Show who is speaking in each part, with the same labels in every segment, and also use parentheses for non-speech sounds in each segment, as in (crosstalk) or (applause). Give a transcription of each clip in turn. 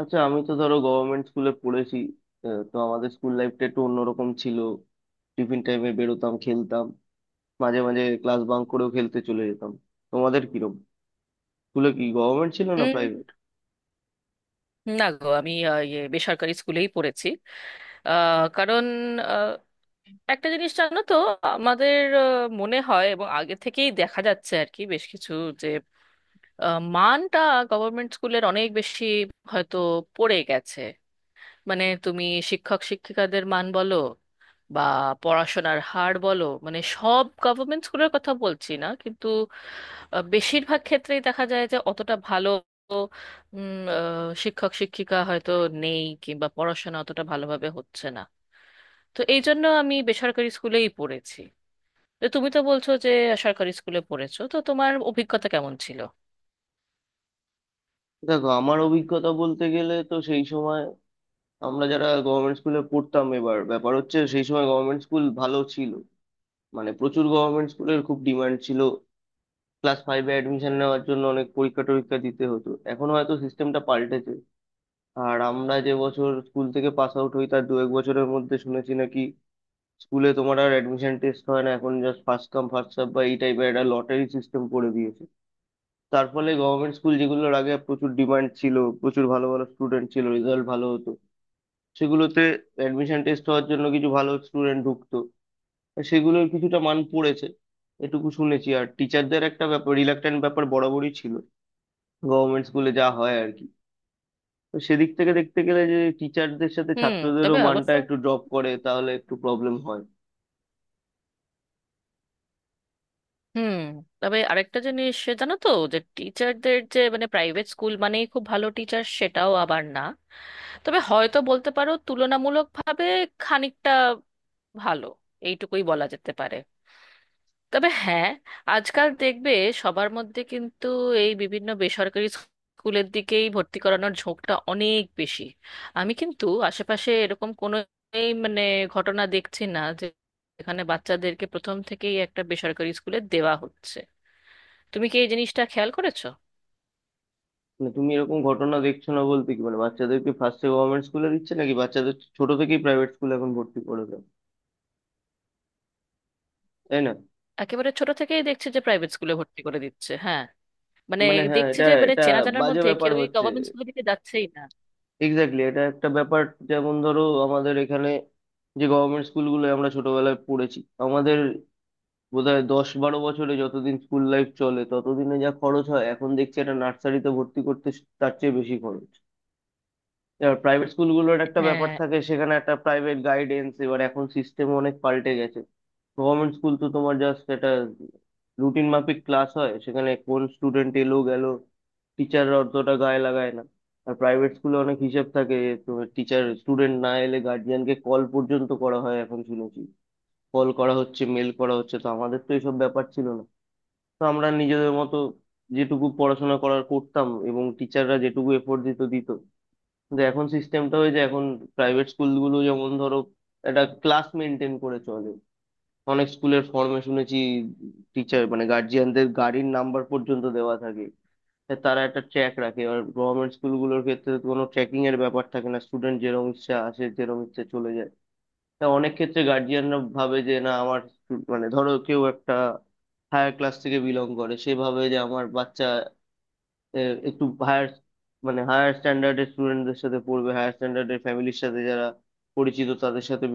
Speaker 1: আচ্ছা আমি তো ধরো গভর্নমেন্ট স্কুলে পড়েছি। তো আমাদের স্কুল লাইফটা একটু অন্যরকম ছিল। টিফিন টাইমে বেরোতাম, খেলতাম। মাঝে মাঝে ক্লাস বাঙ্ক করেও খেলতে চলে যেতাম। তোমাদের কিরকম? স্কুলে কি গভর্নমেন্ট ছিল না
Speaker 2: উম,
Speaker 1: প্রাইভেট?
Speaker 2: না গো, আমি বেসরকারি স্কুলেই পড়েছি। কারণ, আহ, একটা জিনিস জানো তো। আমাদের আহ, মনে হয়, এবং আগে থেকেই দেখা যাচ্ছে আর কি বেশ কিছু যে মানটা গভর্নমেন্ট স্কুলের অনেক বেশি হয়তো পড়ে গেছে। মানে তুমি শিক্ষক শিক্ষিকাদের মান বলো, বা পড়াশোনার হার বলো, মানে সব গভর্নমেন্ট স্কুলের কথা বলছি না কিন্তু বেশিরভাগ ক্ষেত্রেই দেখা যায় যে অতটা ভালো শিক্ষক শিক্ষিকা হয়তো নেই, কিংবা পড়াশোনা অতটা ভালোভাবে হচ্ছে না। তো এই জন্য আমি বেসরকারি স্কুলেই পড়েছি। তো তুমি তো বলছো যে সরকারি স্কুলে পড়েছো, তো তোমার অভিজ্ঞতা কেমন ছিল?
Speaker 1: দেখো, আমার অভিজ্ঞতা বলতে গেলে তো সেই সময় আমরা যারা গভর্নমেন্ট স্কুলে পড়তাম, এবার ব্যাপার হচ্ছে সেই সময় গভর্নমেন্ট স্কুল ভালো ছিল। মানে প্রচুর গভর্নমেন্ট স্কুলের খুব ডিমান্ড ছিল। ক্লাস 5-এ অ্যাডমিশন নেওয়ার জন্য অনেক পরীক্ষা টরীক্ষা দিতে হতো, এখন হয়তো সিস্টেমটা পাল্টেছে। আর আমরা যে বছর স্কুল থেকে পাস আউট হই তার 1-2 বছরের মধ্যে শুনেছি নাকি স্কুলে তোমার আর অ্যাডমিশন টেস্ট হয় না, এখন just first come first serve বা এই টাইপের একটা লটারি সিস্টেম করে দিয়েছে। তার ফলে গভর্নমেন্ট স্কুল যেগুলোর আগে প্রচুর ডিমান্ড ছিল, প্রচুর ভালো ভালো স্টুডেন্ট ছিল, রেজাল্ট ভালো হতো, সেগুলোতে অ্যাডমিশন টেস্ট হওয়ার জন্য কিছু ভালো স্টুডেন্ট ঢুকতো, আর সেগুলোর কিছুটা মান পড়েছে এটুকু শুনেছি। আর টিচারদের একটা ব্যাপার, রিলাক্ট্যান্ট ব্যাপার বরাবরই ছিল গভর্নমেন্ট স্কুলে, যা হয় আর কি। তো সেদিক থেকে দেখতে গেলে যে টিচারদের সাথে
Speaker 2: হুম।
Speaker 1: ছাত্রদেরও
Speaker 2: তবে
Speaker 1: মানটা
Speaker 2: অবশ্য,
Speaker 1: একটু ড্রপ করে, তাহলে একটু প্রবলেম হয়।
Speaker 2: হুম, তবে আরেকটা জিনিস সে জানো তো, যে টিচারদের যে, মানে প্রাইভেট স্কুল মানেই খুব ভালো টিচার সেটাও আবার না। তবে হয়তো বলতে পারো তুলনামূলকভাবে খানিকটা ভালো, এইটুকুই বলা যেতে পারে। তবে হ্যাঁ, আজকাল দেখবে সবার মধ্যে কিন্তু এই বিভিন্ন বেসরকারি স্কুলের দিকেই ভর্তি করানোর ঝোঁকটা অনেক বেশি। আমি কিন্তু আশেপাশে এরকম কোনো, এই মানে ঘটনা দেখছি না যে এখানে বাচ্চাদেরকে প্রথম থেকেই একটা বেসরকারি স্কুলে দেওয়া হচ্ছে। তুমি কি এই জিনিসটা খেয়াল করেছো?
Speaker 1: মানে তুমি এরকম ঘটনা দেখছো না বলতে কি মানে বাচ্চাদেরকে ফার্স্টে গভর্নমেন্ট স্কুলে দিচ্ছে নাকি বাচ্চাদের ছোট থেকেই প্রাইভেট স্কুলে এখন ভর্তি করে দেয়, তাই না?
Speaker 2: একেবারে ছোট থেকেই দেখছি যে প্রাইভেট স্কুলে ভর্তি করে দিচ্ছে, হ্যাঁ। মানে
Speaker 1: মানে হ্যাঁ,
Speaker 2: দেখছি
Speaker 1: এটা
Speaker 2: যে, মানে
Speaker 1: এটা
Speaker 2: চেনা জানার
Speaker 1: বাজে
Speaker 2: মধ্যে
Speaker 1: ব্যাপার
Speaker 2: কেউই
Speaker 1: হচ্ছে।
Speaker 2: গভর্নমেন্ট স্কুলের দিকে যাচ্ছেই না।
Speaker 1: এক্স্যাক্টলি, এটা একটা ব্যাপার। যেমন ধরো আমাদের এখানে যে গভর্নমেন্ট স্কুলগুলো আমরা ছোটবেলায় পড়েছি, আমাদের বোধহয় 10-12 বছরে যতদিন স্কুল লাইফ চলে ততদিনে যা খরচ হয়, এখন দেখছি একটা নার্সারিতে ভর্তি করতে তার চেয়ে বেশি খরচ। এবার প্রাইভেট স্কুলগুলোর একটা ব্যাপার
Speaker 2: হ্যাঁ।
Speaker 1: থাকে, সেখানে একটা প্রাইভেট গাইডেন্স। এবার এখন সিস্টেম অনেক পাল্টে গেছে। গভর্নমেন্ট স্কুল তো তোমার জাস্ট একটা রুটিন মাফিক ক্লাস হয়, সেখানে কোন স্টুডেন্ট এলো গেল টিচাররা অতটা গায়ে লাগায় না। আর প্রাইভেট স্কুলে অনেক হিসেব থাকে। তোমার টিচার, স্টুডেন্ট না এলে গার্জিয়ানকে কল পর্যন্ত করা হয় এখন শুনেছি। কল করা হচ্ছে, মেল করা হচ্ছে। তো আমাদের তো এইসব ব্যাপার ছিল না। তো আমরা নিজেদের মতো যেটুকু পড়াশোনা করার করতাম, এবং টিচাররা যেটুকু এফোর্ট দিত দিত। যে এখন সিস্টেমটা হয়েছে, এখন প্রাইভেট স্কুলগুলো যেমন ধরো একটা ক্লাস মেনটেন করে চলে। অনেক স্কুলের ফর্মে শুনেছি টিচার মানে গার্জিয়ানদের গাড়ির নাম্বার পর্যন্ত দেওয়া থাকে, তা তারা একটা ট্র্যাক রাখে। আর গভর্নমেন্ট স্কুলগুলোর ক্ষেত্রে তো কোনো ট্র্যাকিং এর ব্যাপার থাকে না, স্টুডেন্ট যেরকম ইচ্ছা আসে যেরকম ইচ্ছা চলে যায়। তা অনেক ক্ষেত্রে গার্জিয়ানরা ভাবে যে না, আমার মানে ধরো কেউ একটা হায়ার ক্লাস থেকে বিলং করে সেভাবে যে আমার বাচ্চা এ, একটু হায়ার, মানে হায়ার স্ট্যান্ডার্ডের স্টুডেন্টদের সাথে পড়বে, হায়ার স্ট্যান্ডার্ডের ফ্যামিলির সাথে যারা পরিচিত তাদের সাথে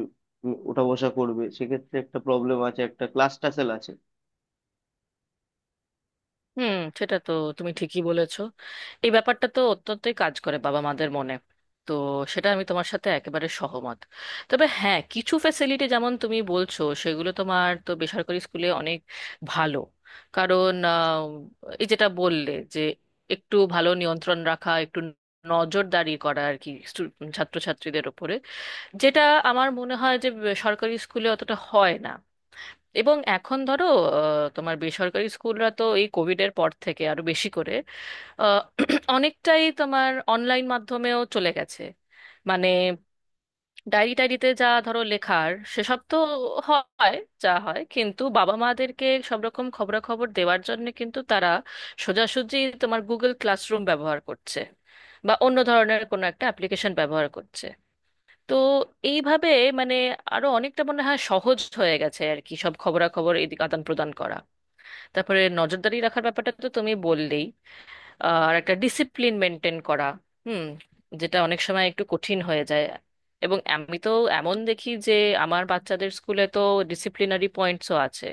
Speaker 1: ওঠা বসা করবে। সেক্ষেত্রে একটা প্রবলেম আছে, একটা ক্লাস টাসেল আছে।
Speaker 2: হুম, সেটা তো তুমি ঠিকই বলেছো। এই ব্যাপারটা তো অত্যন্তই কাজ করে বাবা মাদের মনে। তো সেটা আমি তোমার সাথে একেবারে সহমত। তবে হ্যাঁ, কিছু ফ্যাসিলিটি যেমন তুমি বলছো সেগুলো তোমার তো বেসরকারি স্কুলে অনেক ভালো। কারণ এই যেটা বললে যে, একটু ভালো নিয়ন্ত্রণ রাখা, একটু নজরদারি করা আর কি ছাত্রছাত্রীদের ওপরে, যেটা আমার মনে হয় যে সরকারি স্কুলে অতটা হয় না। এবং এখন ধরো, তোমার বেসরকারি স্কুলরা তো এই কোভিডের পর থেকে আরো বেশি করে আহ, (clears throat) অনেকটাই তোমার অনলাইন মাধ্যমেও চলে গেছে। মানে ডায়েরি টায়েরিতে যা ধরো লেখার সেসব তো হয়, যা হয়, কিন্তু বাবা মাদেরকে সব রকম খবরাখবর দেওয়ার জন্য কিন্তু তারা সোজাসুজি তোমার গুগল ক্লাসরুম ব্যবহার করছে, বা অন্য ধরনের কোনো একটা অ্যাপ্লিকেশন ব্যবহার করছে। তো এইভাবে, মানে আরো অনেকটা মনে হয় সহজ হয়ে গেছে আর কি, সব খবরাখবর এদিকে আদান প্রদান করা। তারপরে নজরদারি রাখার ব্যাপারটা তো তুমি বললেই, আর একটা ডিসিপ্লিন মেনটেন করা, হুম, যেটা অনেক সময় একটু কঠিন হয়ে যায়। এবং আমি তো এমন দেখি যে আমার বাচ্চাদের স্কুলে তো ডিসিপ্লিনারি পয়েন্টসও আছে।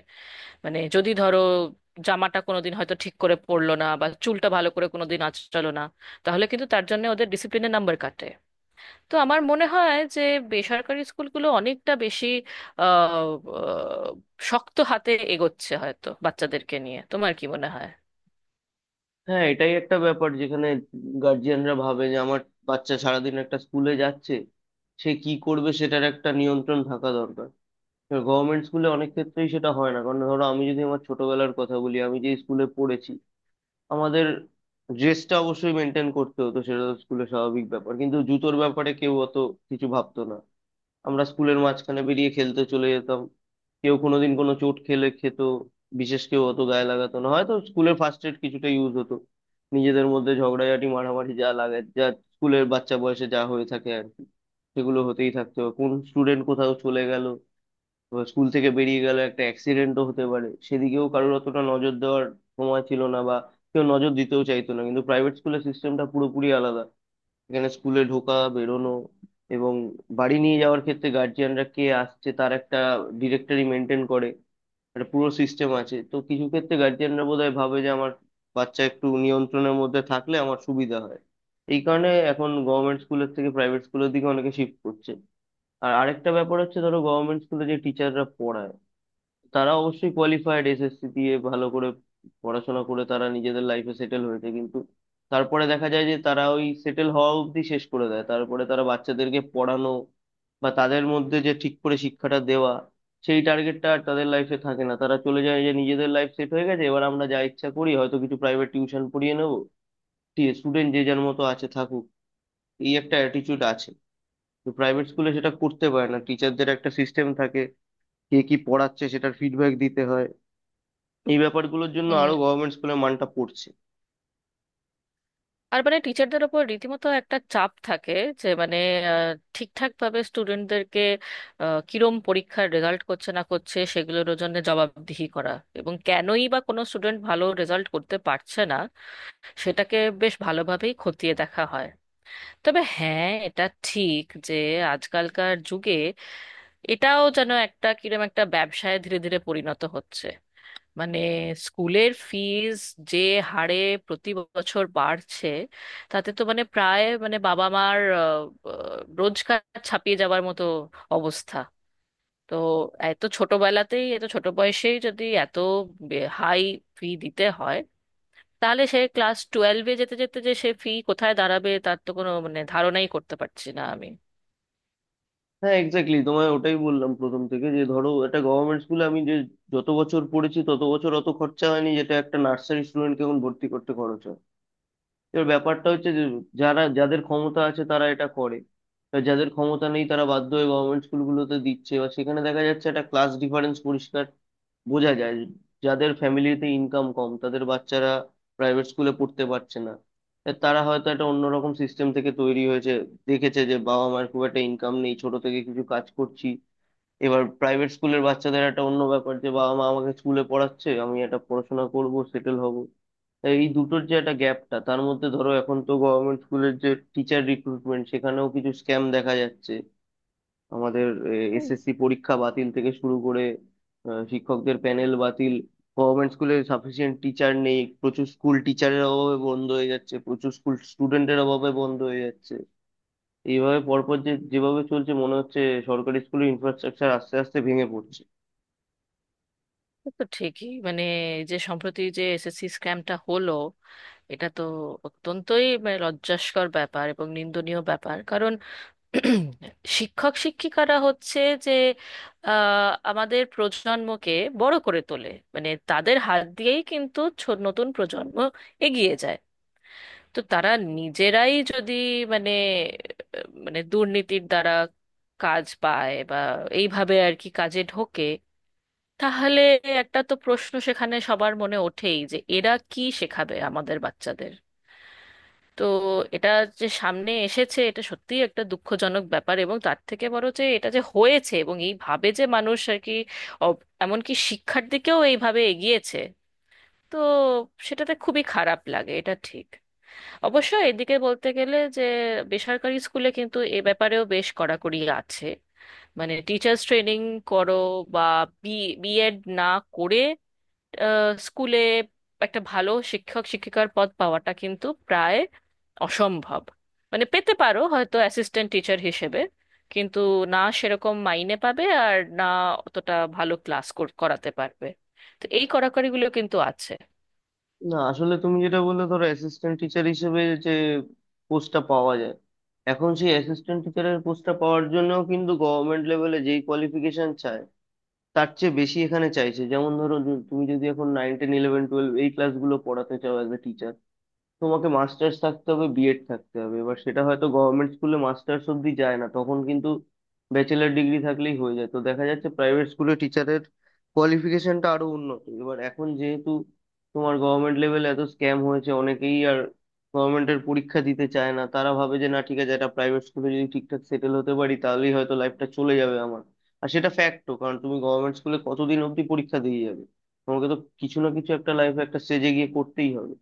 Speaker 2: মানে যদি ধরো জামাটা কোনোদিন হয়তো ঠিক করে পরলো না, বা চুলটা ভালো করে কোনোদিন আঁচড়ালো না, তাহলে কিন্তু তার জন্য ওদের ডিসিপ্লিনের নাম্বার কাটে। তো আমার মনে হয় যে বেসরকারি স্কুলগুলো অনেকটা বেশি আহ, আহ, শক্ত হাতে এগোচ্ছে হয়তো বাচ্চাদেরকে নিয়ে। তোমার কি মনে হয়?
Speaker 1: হ্যাঁ, এটাই একটা ব্যাপার যেখানে গার্জিয়ানরা ভাবে যে আমার বাচ্চা সারাদিন একটা স্কুলে যাচ্ছে, সে কি করবে সেটার একটা নিয়ন্ত্রণ থাকা দরকার। গভর্নমেন্ট স্কুলে অনেক ক্ষেত্রেই সেটা হয় না, কারণ ধরো আমি যদি আমার ছোটবেলার কথা বলি, আমি যে স্কুলে পড়েছি আমাদের ড্রেসটা অবশ্যই মেনটেন করতে হতো, সেটা তো স্কুলের স্বাভাবিক ব্যাপার, কিন্তু জুতোর ব্যাপারে কেউ অত কিছু ভাবতো না। আমরা স্কুলের মাঝখানে বেরিয়ে খেলতে চলে যেতাম, কেউ কোনোদিন কোনো চোট খেলে খেত, বিশেষ কেউ অত গায়ে লাগাতো না, হয়তো স্কুলের ফার্স্ট এড কিছুটা ইউজ হতো। নিজেদের মধ্যে ঝগড়াঝাটি মারামারি যা লাগে, যা স্কুলের বাচ্চা বয়সে যা হয়ে থাকে আর কি, সেগুলো হতেই থাকতো। কোন স্টুডেন্ট কোথাও চলে গেল, এবার স্কুল থেকে বেরিয়ে গেল, একটা অ্যাক্সিডেন্টও হতে পারে, সেদিকেও কারোর অতটা নজর দেওয়ার সময় ছিল না বা কেউ নজর দিতেও চাইতো না। কিন্তু প্রাইভেট স্কুলের সিস্টেমটা পুরোপুরি আলাদা। এখানে স্কুলে ঢোকা, বেরোনো এবং বাড়ি নিয়ে যাওয়ার ক্ষেত্রে গার্জিয়ানরা কে আসছে তার একটা ডিরেক্টরি মেনটেন করে, একটা পুরো সিস্টেম আছে। তো কিছু ক্ষেত্রে গার্জিয়ানরা বোধহয় ভাবে যে আমার বাচ্চা একটু নিয়ন্ত্রণের মধ্যে থাকলে আমার সুবিধা হয়। এই কারণে এখন গভর্নমেন্ট স্কুলের থেকে প্রাইভেট স্কুলের দিকে অনেকে শিফট করছে। আর আরেকটা ব্যাপার হচ্ছে, ধরো গভর্নমেন্ট স্কুলে যে তারা অবশ্যই কোয়ালিফাইড, এসএসসি দিয়ে ভালো করে পড়াশোনা করে তারা নিজেদের লাইফে সেটেল হয়েছে, কিন্তু তারপরে দেখা যায় যে তারা ওই সেটেল হওয়া অবধি শেষ করে দেয়। তারপরে তারা বাচ্চাদেরকে পড়ানো বা তাদের মধ্যে যে ঠিক করে শিক্ষাটা দেওয়া, সেই টার্গেটটা আর তাদের লাইফে থাকে না। তারা চলে যায় যে নিজেদের লাইফ সেট হয়ে গেছে, এবার আমরা যা ইচ্ছা করি, হয়তো কিছু প্রাইভেট টিউশন পড়িয়ে নেবো, স্টুডেন্ট যে যার মতো আছে থাকুক, এই একটা অ্যাটিটিউড আছে। তো প্রাইভেট স্কুলে সেটা করতে পারে না, টিচারদের একটা সিস্টেম থাকে, কে কি পড়াচ্ছে সেটার ফিডব্যাক দিতে হয়। এই ব্যাপারগুলোর জন্য
Speaker 2: হুম।
Speaker 1: আরো গভর্নমেন্ট স্কুলের মানটা পড়ছে।
Speaker 2: আর মানে টিচারদের ওপর রীতিমতো একটা চাপ থাকে, যে মানে ঠিকঠাক ভাবে স্টুডেন্টদেরকে কিরম পরীক্ষার রেজাল্ট করছে না করছে সেগুলোর জন্য জবাবদিহি করা। এবং কেনই বা কোনো স্টুডেন্ট ভালো রেজাল্ট করতে পারছে না সেটাকে বেশ ভালোভাবেই খতিয়ে দেখা হয়। তবে হ্যাঁ, এটা ঠিক যে আজকালকার যুগে এটাও যেন একটা কিরম একটা ব্যবসায় ধীরে ধীরে পরিণত হচ্ছে। মানে স্কুলের ফিজ যে হারে প্রতি বছর বাড়ছে, তাতে তো মানে প্রায়, মানে বাবা মার রোজগার ছাপিয়ে যাবার মতো অবস্থা। তো এত ছোটবেলাতেই, এত ছোট বয়সেই যদি এত হাই ফি দিতে হয়, তাহলে সে ক্লাস টুয়েলভে যেতে যেতে যে সে ফি কোথায় দাঁড়াবে, তার তো কোনো মানে ধারণাই করতে পারছি না আমি।
Speaker 1: হ্যাঁ এক্স্যাক্টলি, তোমায় ওটাই বললাম প্রথম থেকে যে ধরো একটা গভর্নমেন্ট স্কুলে আমি যে যত বছর পড়েছি, তত বছর অত খরচা হয়নি যেটা একটা নার্সারি স্টুডেন্টকে এখন ভর্তি করতে খরচ হয়। এবার ব্যাপারটা হচ্ছে যে যারা, যাদের ক্ষমতা আছে তারা এটা করে, আর যাদের ক্ষমতা নেই তারা বাধ্য হয়ে গভর্নমেন্ট স্কুলগুলোতে দিচ্ছে। এবার সেখানে দেখা যাচ্ছে একটা ক্লাস ডিফারেন্স পরিষ্কার বোঝা যায়। যাদের ফ্যামিলিতে ইনকাম কম, তাদের বাচ্চারা প্রাইভেট স্কুলে পড়তে পারছে না। তা তারা হয়তো একটা অন্যরকম সিস্টেম থেকে তৈরি হয়েছে, দেখেছে যে বাবা মার খুব একটা ইনকাম নেই, ছোট থেকে কিছু কাজ করছি। এবার প্রাইভেট স্কুলের বাচ্চাদের একটা অন্য ব্যাপার, যে বাবা মা আমাকে স্কুলে পড়াচ্ছে, আমি একটা পড়াশোনা করব, সেটেল হব। তাই এই দুটোর যে একটা গ্যাপটা, তার মধ্যে ধরো এখন তো গভর্নমেন্ট স্কুলের যে টিচার রিক্রুটমেন্ট, সেখানেও কিছু স্ক্যাম দেখা যাচ্ছে। আমাদের এসএসসি পরীক্ষা বাতিল থেকে শুরু করে শিক্ষকদের প্যানেল বাতিল, গভর্নমেন্ট স্কুলে সাফিসিয়েন্ট টিচার নেই, প্রচুর স্কুল টিচারের অভাবে বন্ধ হয়ে যাচ্ছে, প্রচুর স্কুল স্টুডেন্টের অভাবে বন্ধ হয়ে যাচ্ছে। এইভাবে পরপর যে যেভাবে চলছে, মনে হচ্ছে সরকারি স্কুলের ইনফ্রাস্ট্রাকচার আস্তে আস্তে ভেঙে পড়ছে।
Speaker 2: সে তো ঠিকই, মানে এই যে সম্প্রতি যে এসএসসি স্ক্যামটা হলো, এটা তো অত্যন্তই মানে লজ্জাস্কর ব্যাপার এবং নিন্দনীয় ব্যাপার। কারণ (clears throat) শিক্ষক শিক্ষিকারা হচ্ছে যে আমাদের প্রজন্মকে বড় করে তোলে। মানে তাদের হাত দিয়েই কিন্তু নতুন প্রজন্ম এগিয়ে যায়। তো তারা নিজেরাই যদি, মানে মানে দুর্নীতির দ্বারা কাজ পায়, বা এইভাবে আর কি কাজে ঢোকে, তাহলে একটা তো প্রশ্ন সেখানে সবার মনে ওঠেই যে এরা কি শেখাবে আমাদের বাচ্চাদের। তো এটা যে সামনে এসেছে এটা সত্যিই একটা দুঃখজনক ব্যাপার, এবং তার থেকে বড় যে এটা যে হয়েছে এবং এইভাবে যে মানুষ আর কি, এমনকি শিক্ষার দিকেও এইভাবে এগিয়েছে। তো সেটাতে খুবই খারাপ লাগে, এটা ঠিক। অবশ্য এদিকে বলতে গেলে যে বেসরকারি স্কুলে কিন্তু এ ব্যাপারেও বেশ কড়াকড়ি আছে। মানে টিচার্স ট্রেনিং করো, বা বি বিএড না করে স্কুলে একটা ভালো শিক্ষক শিক্ষিকার পদ পাওয়াটা কিন্তু প্রায় অসম্ভব। মানে পেতে পারো হয়তো অ্যাসিস্ট্যান্ট টিচার হিসেবে, কিন্তু না সেরকম মাইনে পাবে, আর না অতটা ভালো ক্লাস করাতে পারবে। তো এই কড়াকড়িগুলো কিন্তু আছে।
Speaker 1: না আসলে তুমি যেটা বললে, ধরো অ্যাসিস্ট্যান্ট টিচার হিসেবে যে পোস্টটা পাওয়া যায়, এখন সেই অ্যাসিস্ট্যান্ট টিচারের পোস্টটা পাওয়ার জন্যও কিন্তু গভর্নমেন্ট লেভেলে যেই কোয়ালিফিকেশন চায়, তার চেয়ে বেশি এখানে চাইছে। যেমন ধরো যে তুমি যদি এখন 9, 10, 11, 12 এই ক্লাসগুলো পড়াতে চাও অ্যাজ এ টিচার, তোমাকে মাস্টার্স থাকতে হবে, বিএড থাকতে হবে। এবার সেটা হয়তো গভর্নমেন্ট স্কুলে মাস্টার্স অব্দি যায় না, তখন কিন্তু ব্যাচেলার ডিগ্রি থাকলেই হয়ে যায়। তো দেখা যাচ্ছে প্রাইভেট স্কুলে টিচারের কোয়ালিফিকেশনটা আরো উন্নত। এবার এখন যেহেতু তোমার গভর্নমেন্ট লেভেলে এত স্ক্যাম হয়েছে, অনেকেই আর গভর্নমেন্টের পরীক্ষা দিতে চায় না। তারা ভাবে যে না ঠিক আছে, একটা প্রাইভেট স্কুলে যদি ঠিকঠাক সেটেল হতে পারি তাহলেই হয়তো লাইফটা চলে যাবে আমার। আর সেটা ফ্যাক্টও, কারণ তুমি গভর্নমেন্ট স্কুলে কতদিন অব্দি পরীক্ষা দিয়ে যাবে, তোমাকে তো কিছু না কিছু একটা লাইফে একটা স্টেজে গিয়ে করতেই হবে।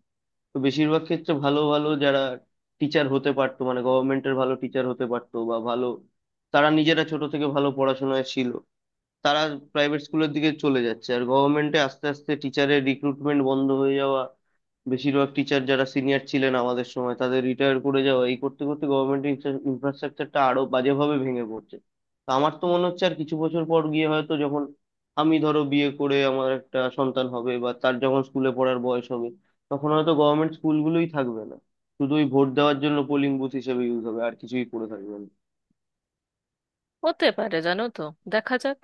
Speaker 1: তো বেশিরভাগ ক্ষেত্রে ভালো ভালো যারা টিচার হতে পারতো, মানে গভর্নমেন্টের ভালো টিচার হতে পারতো বা ভালো, তারা নিজেরা ছোট থেকে ভালো পড়াশোনায় ছিল, তারা প্রাইভেট স্কুলের দিকে চলে যাচ্ছে। আর গভর্নমেন্টে আস্তে আস্তে টিচারের রিক্রুটমেন্ট বন্ধ হয়ে যাওয়া, বেশিরভাগ টিচার যারা সিনিয়র ছিলেন আমাদের সময় তাদের রিটায়ার করে যাওয়া, এই করতে করতে গভর্নমেন্টের ইনফ্রাস্ট্রাকচারটা আরো বাজেভাবে ভেঙে পড়ছে। তো আমার তো মনে হচ্ছে আর কিছু বছর পর গিয়ে হয়তো, যখন আমি ধরো বিয়ে করে আমার একটা সন্তান হবে বা তার যখন স্কুলে পড়ার বয়স হবে, তখন হয়তো গভর্নমেন্ট স্কুলগুলোই থাকবে না, শুধু ওই ভোট দেওয়ার জন্য পোলিং বুথ হিসেবে ইউজ হবে, আর কিছুই করে থাকবে না।
Speaker 2: হতে পারে, জানো তো। দেখা যাক।